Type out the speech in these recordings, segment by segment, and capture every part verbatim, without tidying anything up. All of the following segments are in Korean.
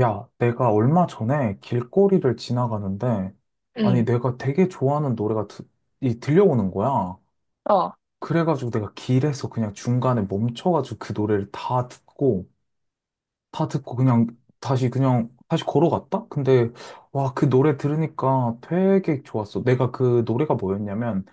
야, 내가 얼마 전에 길거리를 지나가는데, 아니, 응, 내가 되게 좋아하는 노래가 드, 이, 들려오는 거야. 어, 그래가지고 내가 길에서 그냥 중간에 멈춰가지고 그 노래를 다 듣고, 다 듣고 그냥 다시 그냥 다시 걸어갔다? 근데, 와, 그 노래 들으니까 되게 좋았어. 내가 그 노래가 뭐였냐면,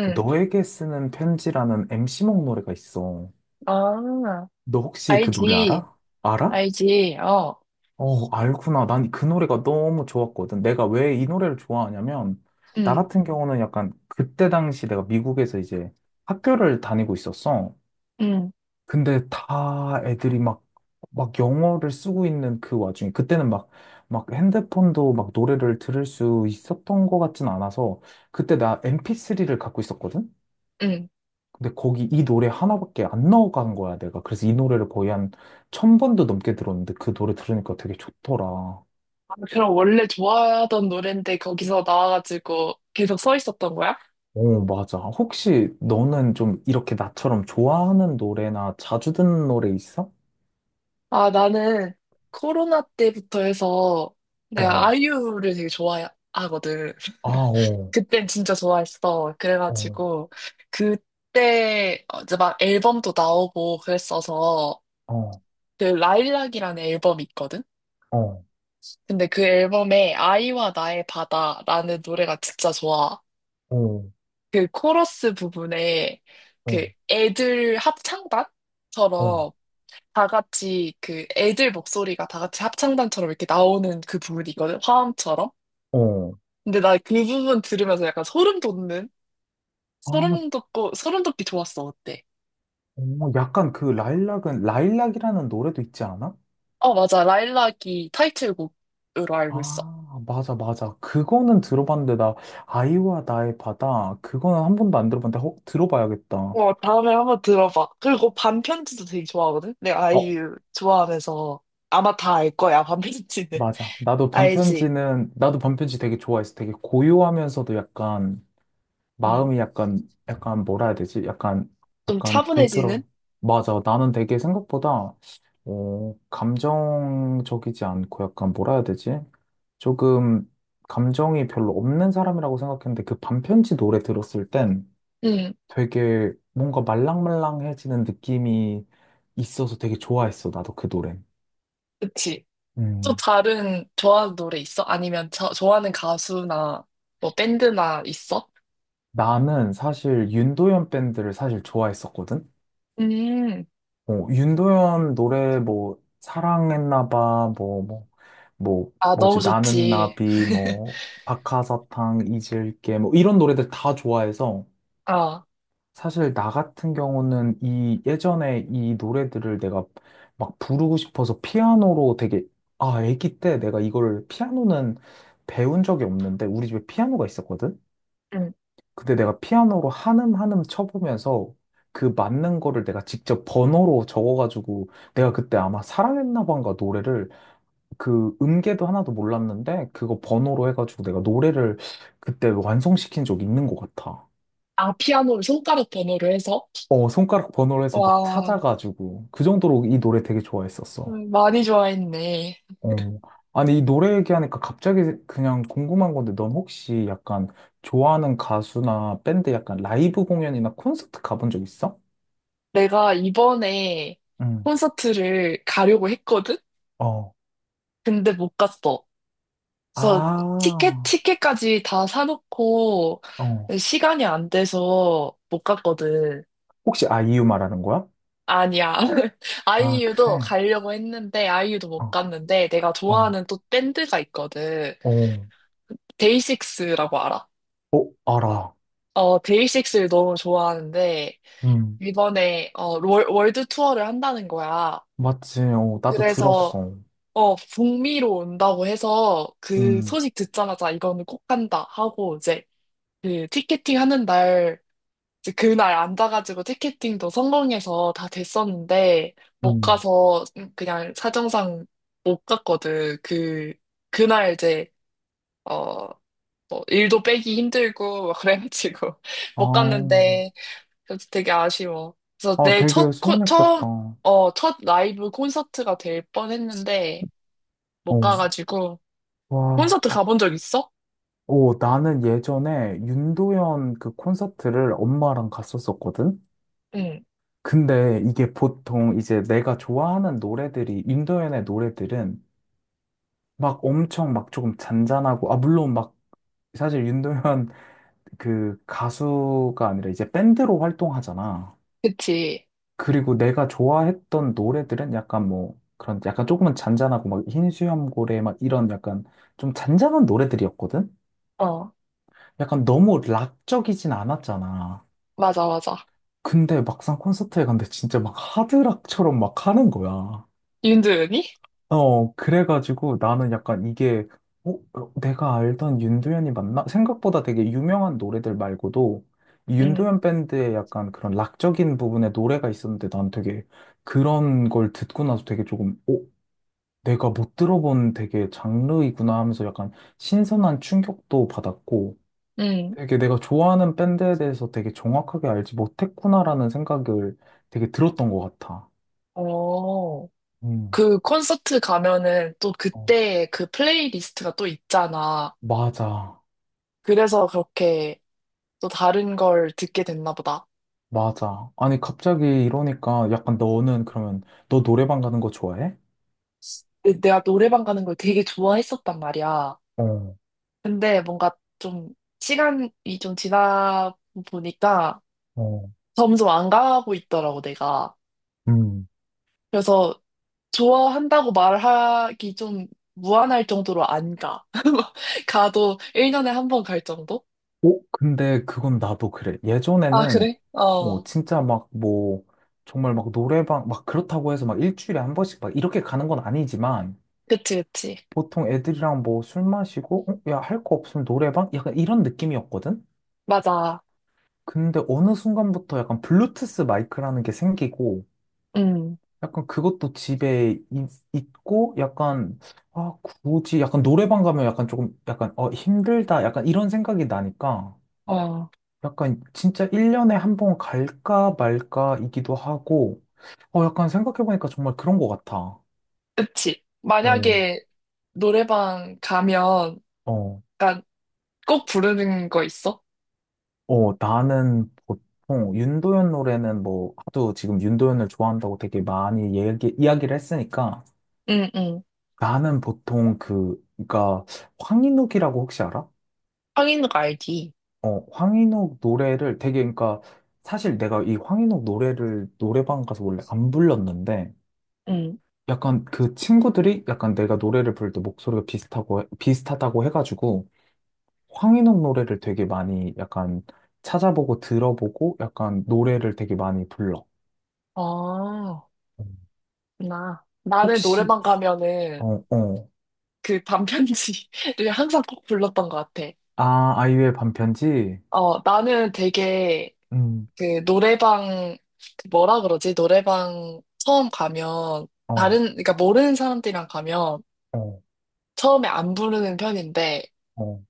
그 너에게 쓰는 편지라는 엠씨몽 노래가 있어. 아, 너 혹시 그 노래 알지, 알아? 알아? 알지, 어, 어, 알구나. 난 그 노래가 너무 좋았거든. 내가 왜 이 노래를 좋아하냐면, 나 응, 같은 경우는 약간 그때 당시 내가 미국에서 이제 학교를 다니고 있었어. 응. 근데 다 애들이 막, 막 영어를 쓰고 있는 그 와중에, 그때는 막, 막 핸드폰도 막 노래를 들을 수 있었던 것 같진 않아서, 그때 나 엠피쓰리를 갖고 있었거든? 응. 근데 거기 이 노래 하나밖에 안 넣어간 거야, 내가. 그래서 이 노래를 거의 한 천 번도 넘게 들었는데 그 노래 들으니까 되게 좋더라. 아, 그럼 원래 좋아하던 노랜데 거기서 나와가지고 계속 서 있었던 거야? 어, 맞아. 혹시 너는 좀 이렇게 나처럼 좋아하는 노래나 자주 듣는 노래 있어? 아, 나는 코로나 때부터 해서 내가 어. 아이유를 되게 좋아하거든. 아, 어, 그땐 진짜 좋아했어. 어, 그래가지고 그때 어, 이제 막 앨범도 나오고 그랬어서 어, 그 라일락이라는 앨범이 있거든? 어, 근데 그 앨범에 아이와 나의 바다라는 노래가 진짜 좋아. 어, 그 코러스 부분에 어, 그 애들 어, 합창단처럼 다 같이 그 애들 목소리가 다 같이 합창단처럼 이렇게 나오는 그 부분이 있거든. 화음처럼. 어. 근데 나 그 부분 들으면서 약간 소름 돋는? 아, 소름 돋고, 소름 돋기 좋았어. 어때? 어, 약간 그 라일락은, 라일락이라는 노래도 있지 않아? 어, 맞아. 라일락이 타이틀곡으로 알고 있어. 아, 맞아, 맞아. 그거는 들어봤는데, 나, 아이와 나의 바다, 그거는 한 번도 안 들어봤는데, 어, 들어봐야겠다. 어, 다음에 한번 들어봐. 그리고 반편지도 되게 좋아하거든? 내가 어, 아이유 좋아하면서 아마 다 알 거야, 반편지는. 맞아. 나도 알지? 반편지는, 나도 반편지 되게 좋아했어. 되게 고요하면서도 약간, 응. 마음이 약간, 약간 뭐라 해야 되지? 약간, 좀 약간 차분해지는? 부드러. 맞아. 나는 되게 생각보다, 어, 감정적이지 않고 약간 뭐라 해야 되지? 조금 감정이 별로 없는 사람이라고 생각했는데 그 반편지 노래 들었을 땐 응, 되게 뭔가 말랑말랑해지는 느낌이 있어서 되게 좋아했어. 나도 그 노래. 그치. 또 음. 다른 좋아하는 노래 있어? 아니면 저, 좋아하는 가수나 뭐 밴드나 있어? 나는 사실 윤도현 밴드를 사실 좋아했었거든. 음, 뭐, 윤도현 노래 뭐, 사랑했나 봐, 뭐, 뭐, 뭐, 아, 너무 뭐지, 나는 좋지. 나비, 뭐, 박하사탕, 잊을게, 뭐, 이런 노래들 다 좋아해서, 아, 사실 나 같은 경우는 이, 예전에 이 노래들을 내가 막 부르고 싶어서 피아노로 되게, 아, 애기 때 내가 이걸 피아노는 배운 적이 없는데, 우리 집에 피아노가 있었거든? 응. 근데 내가 피아노로 한음 한음 쳐보면서 그 맞는 거를 내가 직접 번호로 적어가지고 내가 그때 아마 사랑했나 봐인가 노래를 그 음계도 하나도 몰랐는데 그거 번호로 해가지고 내가 노래를 그때 완성시킨 적이 있는 것 같아. 아, 피아노를 손가락 번호로 해서? 어, 손가락 번호로 해서 막 와, 찾아가지고 그 정도로 이 노래 되게 좋아했었어. 음, 많이 좋아했네. 어. 아니, 이 노래 얘기하니까 갑자기 그냥 궁금한 건데 넌 혹시 약간 좋아하는 가수나 밴드 약간 라이브 공연이나 콘서트 가본 적 있어? 내가 이번에 응. 콘서트를 가려고 했거든? 어. 근데 못 갔어. 그래서 티켓, 아, 티켓까지 다 사놓고 어. 시간이 안 돼서 못 갔거든. 혹시 아 이유 말하는 거야? 아니야. 아, 아이유도 그래. 가려고 했는데, 아이유도 못 어, 갔는데, 내가 어, 좋아하는 또 밴드가 있거든. 어, 데이식스라고 알아? 어, 알아. 어, 데이식스를 너무 좋아하는데, 음, 이번에, 어, 월, 월드 투어를 한다는 거야. 맞지. 어, 나도 그래서, 들었어. 어, 북미로 온다고 해서 그 음, 소식 듣자마자 이거는 꼭 간다 하고 이제 그 티켓팅 하는 날, 이제 그날 앉아가지고 티켓팅도 성공해서 다 됐었는데, 못 음. 가서 그냥 사정상 못 갔거든. 그, 그날 이제, 어, 뭐 일도 빼기 힘들고, 막 그래가지고, 아, 못 갔는데, 그래서 되게 아쉬워. 그래서 아, 내 되게 첫, 코, 처음, 서운했겠다. 어, 어, 첫 라이브 콘서트가 될 뻔했는데, 못 가가지고, 와. 콘서트 가본 적 있어? 어, 나는 예전에 윤도현 그 콘서트를 엄마랑 갔었었거든? 응, 근데 이게 보통 이제 내가 좋아하는 노래들이, 윤도현의 노래들은 막 엄청 막 조금 잔잔하고, 아, 물론 막 사실 윤도현 그 가수가 아니라 이제 밴드로 활동하잖아. 그치. 그리고 내가 좋아했던 노래들은 약간 뭐 그런 약간 조금은 잔잔하고 막 흰 수염고래 막 이런 약간 좀 잔잔한 노래들이었거든? 어, 약간 너무 락적이진 않았잖아. 맞아, 맞아. 근데 막상 콘서트에 갔는데 진짜 막 하드락처럼 막 하는 거야. 윤도현이? 어, 그래가지고 나는 약간 이게, 어, 어, 내가 알던 윤도현이 맞나? 생각보다 되게 유명한 노래들 말고도 이 응. 윤도현 밴드의 약간 그런 락적인 부분의 노래가 있었는데 난 되게 그런 걸 듣고 나서 되게 조금, 어, 내가 못 들어본 되게 장르이구나 하면서 약간 신선한 충격도 받았고 응. 되게 내가 좋아하는 밴드에 대해서 되게 정확하게 알지 못했구나라는 생각을 되게 들었던 것 같아. 어. 음, 그 콘서트 가면은 또 어, 그때 그 플레이리스트가 또 있잖아. 맞아. 그래서 그렇게 또 다른 걸 듣게 됐나 보다. 맞아. 아니, 갑자기 이러니까 약간 너는 그러면 너 노래방 가는 거 좋아해? 근데 내가 노래방 가는 걸 되게 좋아했었단 말이야. 어, 근데 뭔가 좀 시간이 좀 지나 보니까 어, 점점 안 가고 있더라고, 내가. 음. 그래서 좋아한다고 말하기 좀 무안할 정도로 안 가. 가도 일 년에 한 번 갈 정도? 어, 근데 그건 나도 그래. 아, 예전에는, 그래? 어, 어. 진짜 막 뭐, 정말 막 노래방, 막 그렇다고 해서 막 일주일에 한 번씩 막 이렇게 가는 건 아니지만, 그치, 그치. 보통 애들이랑 뭐 술 마시고, 어, 야, 할 거 없으면 노래방? 약간 이런 느낌이었거든? 맞아. 근데 어느 순간부터 약간 블루투스 마이크라는 게 생기고, 음, 약간 그것도 집에 있, 있고 약간 아 굳이 약간 노래방 가면 약간 조금 약간 어 힘들다 약간 이런 생각이 나니까 어, 약간 진짜 일 년에 한번 갈까 말까이기도 하고 어 약간 생각해보니까 정말 그런 것 같아. 그치. 어, 만약에 노래방 가면, 어, 그니까 꼭 부르는 거 있어? 어 나는 보통 윤도현 노래는 뭐 하도 지금 윤도현을 좋아한다고 되게 많이 얘기, 이야기를 했으니까 응, 응, 나는 보통 그 그러니까 황인욱이라고 혹시 알아? 하인욱 알지? 어, 황인욱 노래를 되게, 그러니까, 사실 내가 이 황인욱 노래를 노래방 가서 원래 안 불렀는데, 응. 약간 그 친구들이 약간 내가 노래를 부를 때 목소리가 비슷하고, 비슷하다고 해가지고, 황인욱 노래를 되게 많이 약간 찾아보고 들어보고, 약간 노래를 되게 많이 불러. 아, 음. 나. 나는 혹시, 노래방 가면은 어, 어, 그 반편지를 항상 꼭 불렀던 것 같아. 아, 아이유의 반편지? 어, 나는 되게 음, 그 노래방, 그 뭐라 그러지? 노래방 처음 가면, 어, 다른, 그러니까 모르는 사람들이랑 가면 어, 처음에 안 부르는 편인데, 어,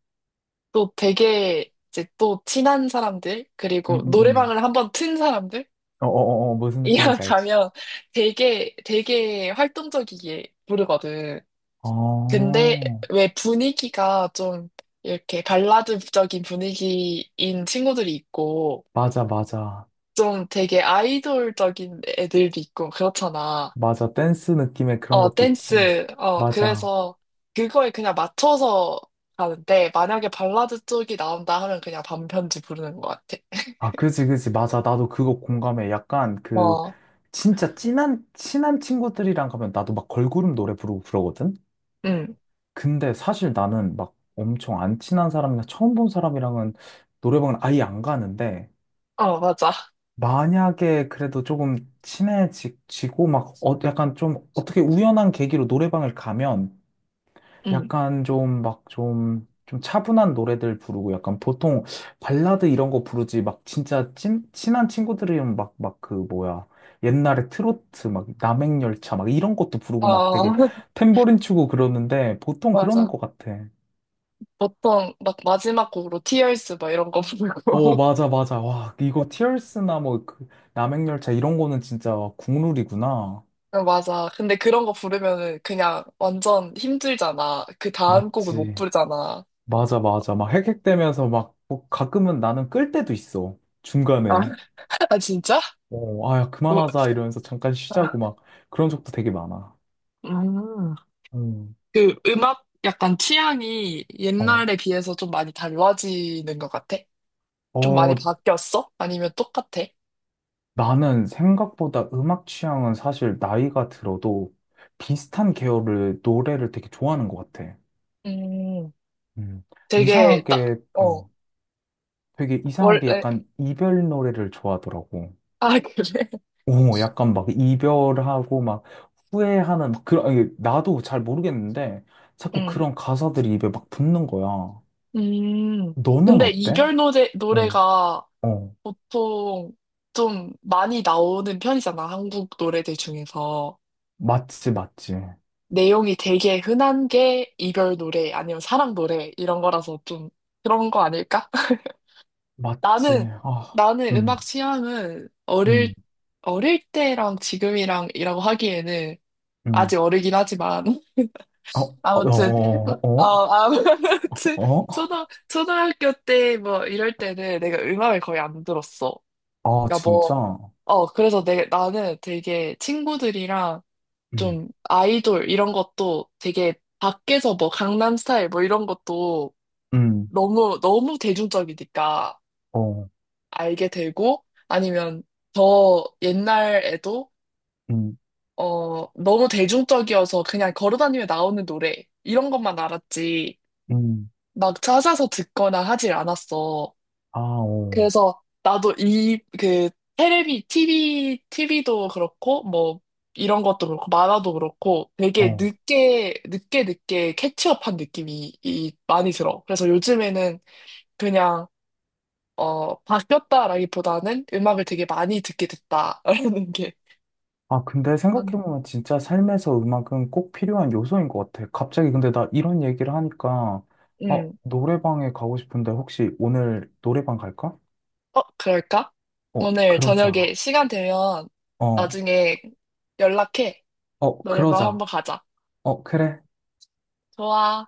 또 되게 이제 또 친한 사람들, 음, 그리고 음, 음. 노래방을 한번 튼 사람들? 어, 어, 어, 어, 무슨 이랑 느낌인지 알지? 가면 되게, 되게 활동적이게 부르거든. 근데 어, 왜 분위기가 좀 이렇게 발라드적인 분위기인 친구들이 있고, 맞아, 맞아. 좀 되게 아이돌적인 애들도 있고, 그렇잖아. 맞아. 댄스 느낌의 그런 어, 것도 있지. 댄스. 어, 맞아. 그래서 그거에 그냥 맞춰서 가는데, 만약에 발라드 쪽이 나온다 하면 그냥 반편지 부르는 것 같아. 아, 그지, 그지. 맞아. 나도 그거 공감해. 약간 그, 어. 진짜 진한, 친한 친구들이랑 가면 나도 막 걸그룹 노래 부르고 그러거든? 응. 근데 사실 나는 막 엄청 안 친한 사람이나 처음 본 사람이랑은 노래방은 아예 안 가는데, 어, 맞아. 만약에 그래도 조금 친해지고 막, 어, 약간 좀 어떻게 우연한 계기로 노래방을 가면 응. 약간 좀 막 좀 좀 차분한 노래들 부르고 약간 보통 발라드 이런 거 부르지 막 진짜 친 친한 친구들이면 막 막 그 뭐야 옛날에 트로트 막 남행열차 막 이런 것도 부르고 막 어, 되게 탬버린 치고 그러는데 보통 그러는 맞아. 것 같아. 보통 막 마지막 곡으로 Tears 막 이런 거 어 부르고. 맞아 맞아 와 이거 티얼스나 뭐 그 남행열차 이런 거는 진짜 국룰이구나. 어, 맞아. 근데 그런 거 부르면은 그냥 완전 힘들잖아. 그 다음 곡을 못 맞지 부르잖아. 맞아 맞아 막 핵핵대면서 막뭐 가끔은 나는 끌 때도 있어 아, 중간에. 아, 진짜? 어, 아, 야, 그만하자 우- 이러면서 잠깐 아, 쉬자고 막 그런 적도 되게 많아. 음. 음, 그 음악 약간 취향이 어, 옛날에 비해서 좀 많이 달라지는 것 같아? 좀 많이 어, 바뀌었어? 아니면 똑같아? 나는 생각보다 음악 취향은 사실 나이가 들어도 비슷한 계열을, 노래를 되게 좋아하는 것 같아. 음. 음, 되게, 딱, 이상하게, 어, 어, 되게 이상하게 원래, 약간 이별 노래를 좋아하더라고. 아, 그래? 오, 약간 막 이별하고 막 후회하는, 막 그런, 아니, 나도 잘 모르겠는데 자꾸 그런 가사들이 입에 막 붙는 거야. 음, 너는 근데 어때? 이별 노래, 응, 노래가 어. 보통 좀 많이 나오는 편이잖아, 한국 노래들 중에서. 맞지, 맞지, 내용이 되게 흔한 게 이별 노래, 아니면 사랑 노래, 이런 거라서 좀 그런 거 아닐까? 맞지. 나는, 아, 나는 음악 음, 취향은 음, 어릴, 어릴 때랑 지금이랑이라고 하기에는 음. 아직 어리긴 하지만, 어, 어, 아무튼, 어, 어, 어, 아무튼, 어? 초등, 초등학교 때 뭐 이럴 때는 내가 음악을 거의 안 들었어. 아, 그러니까 뭐, 진짜. 어, 그래서 내, 나는 되게 친구들이랑 음, 좀 아이돌 이런 것도 되게 밖에서 뭐 강남 스타일 뭐 이런 것도 음, 너무, 너무 대중적이니까 어, 알게 되고 아니면 더 옛날에도 음, 어, 너무 대중적이어서 그냥 걸어다니며 나오는 노래 이런 것만 알았지 음. 막 찾아서 듣거나 하질 않았어. 아, 어, 그래서 나도 이, 그, 테레비, 티비 티비도 그렇고, 뭐, 이런 것도 그렇고, 만화도 그렇고, 되게 어. 늦게, 늦게, 늦게 캐치업한 느낌이 이, 많이 들어. 그래서 요즘에는 그냥, 어, 바뀌었다라기보다는 음악을 되게 많이 듣게 됐다라는 게 아, 근데 맞네. 생각해보면 진짜 삶에서 음악은 꼭 필요한 요소인 것 같아. 갑자기 근데 나 이런 얘기를 하니까, 아, 음. 노래방에 가고 싶은데 혹시 오늘 노래방 갈까? 어, 그럴까? 어, 오늘 그러자. 저녁에 시간 되면 어, 나중에 연락해. 어, 노래방 그러자. 한번 가자. 어, 그래. 좋아.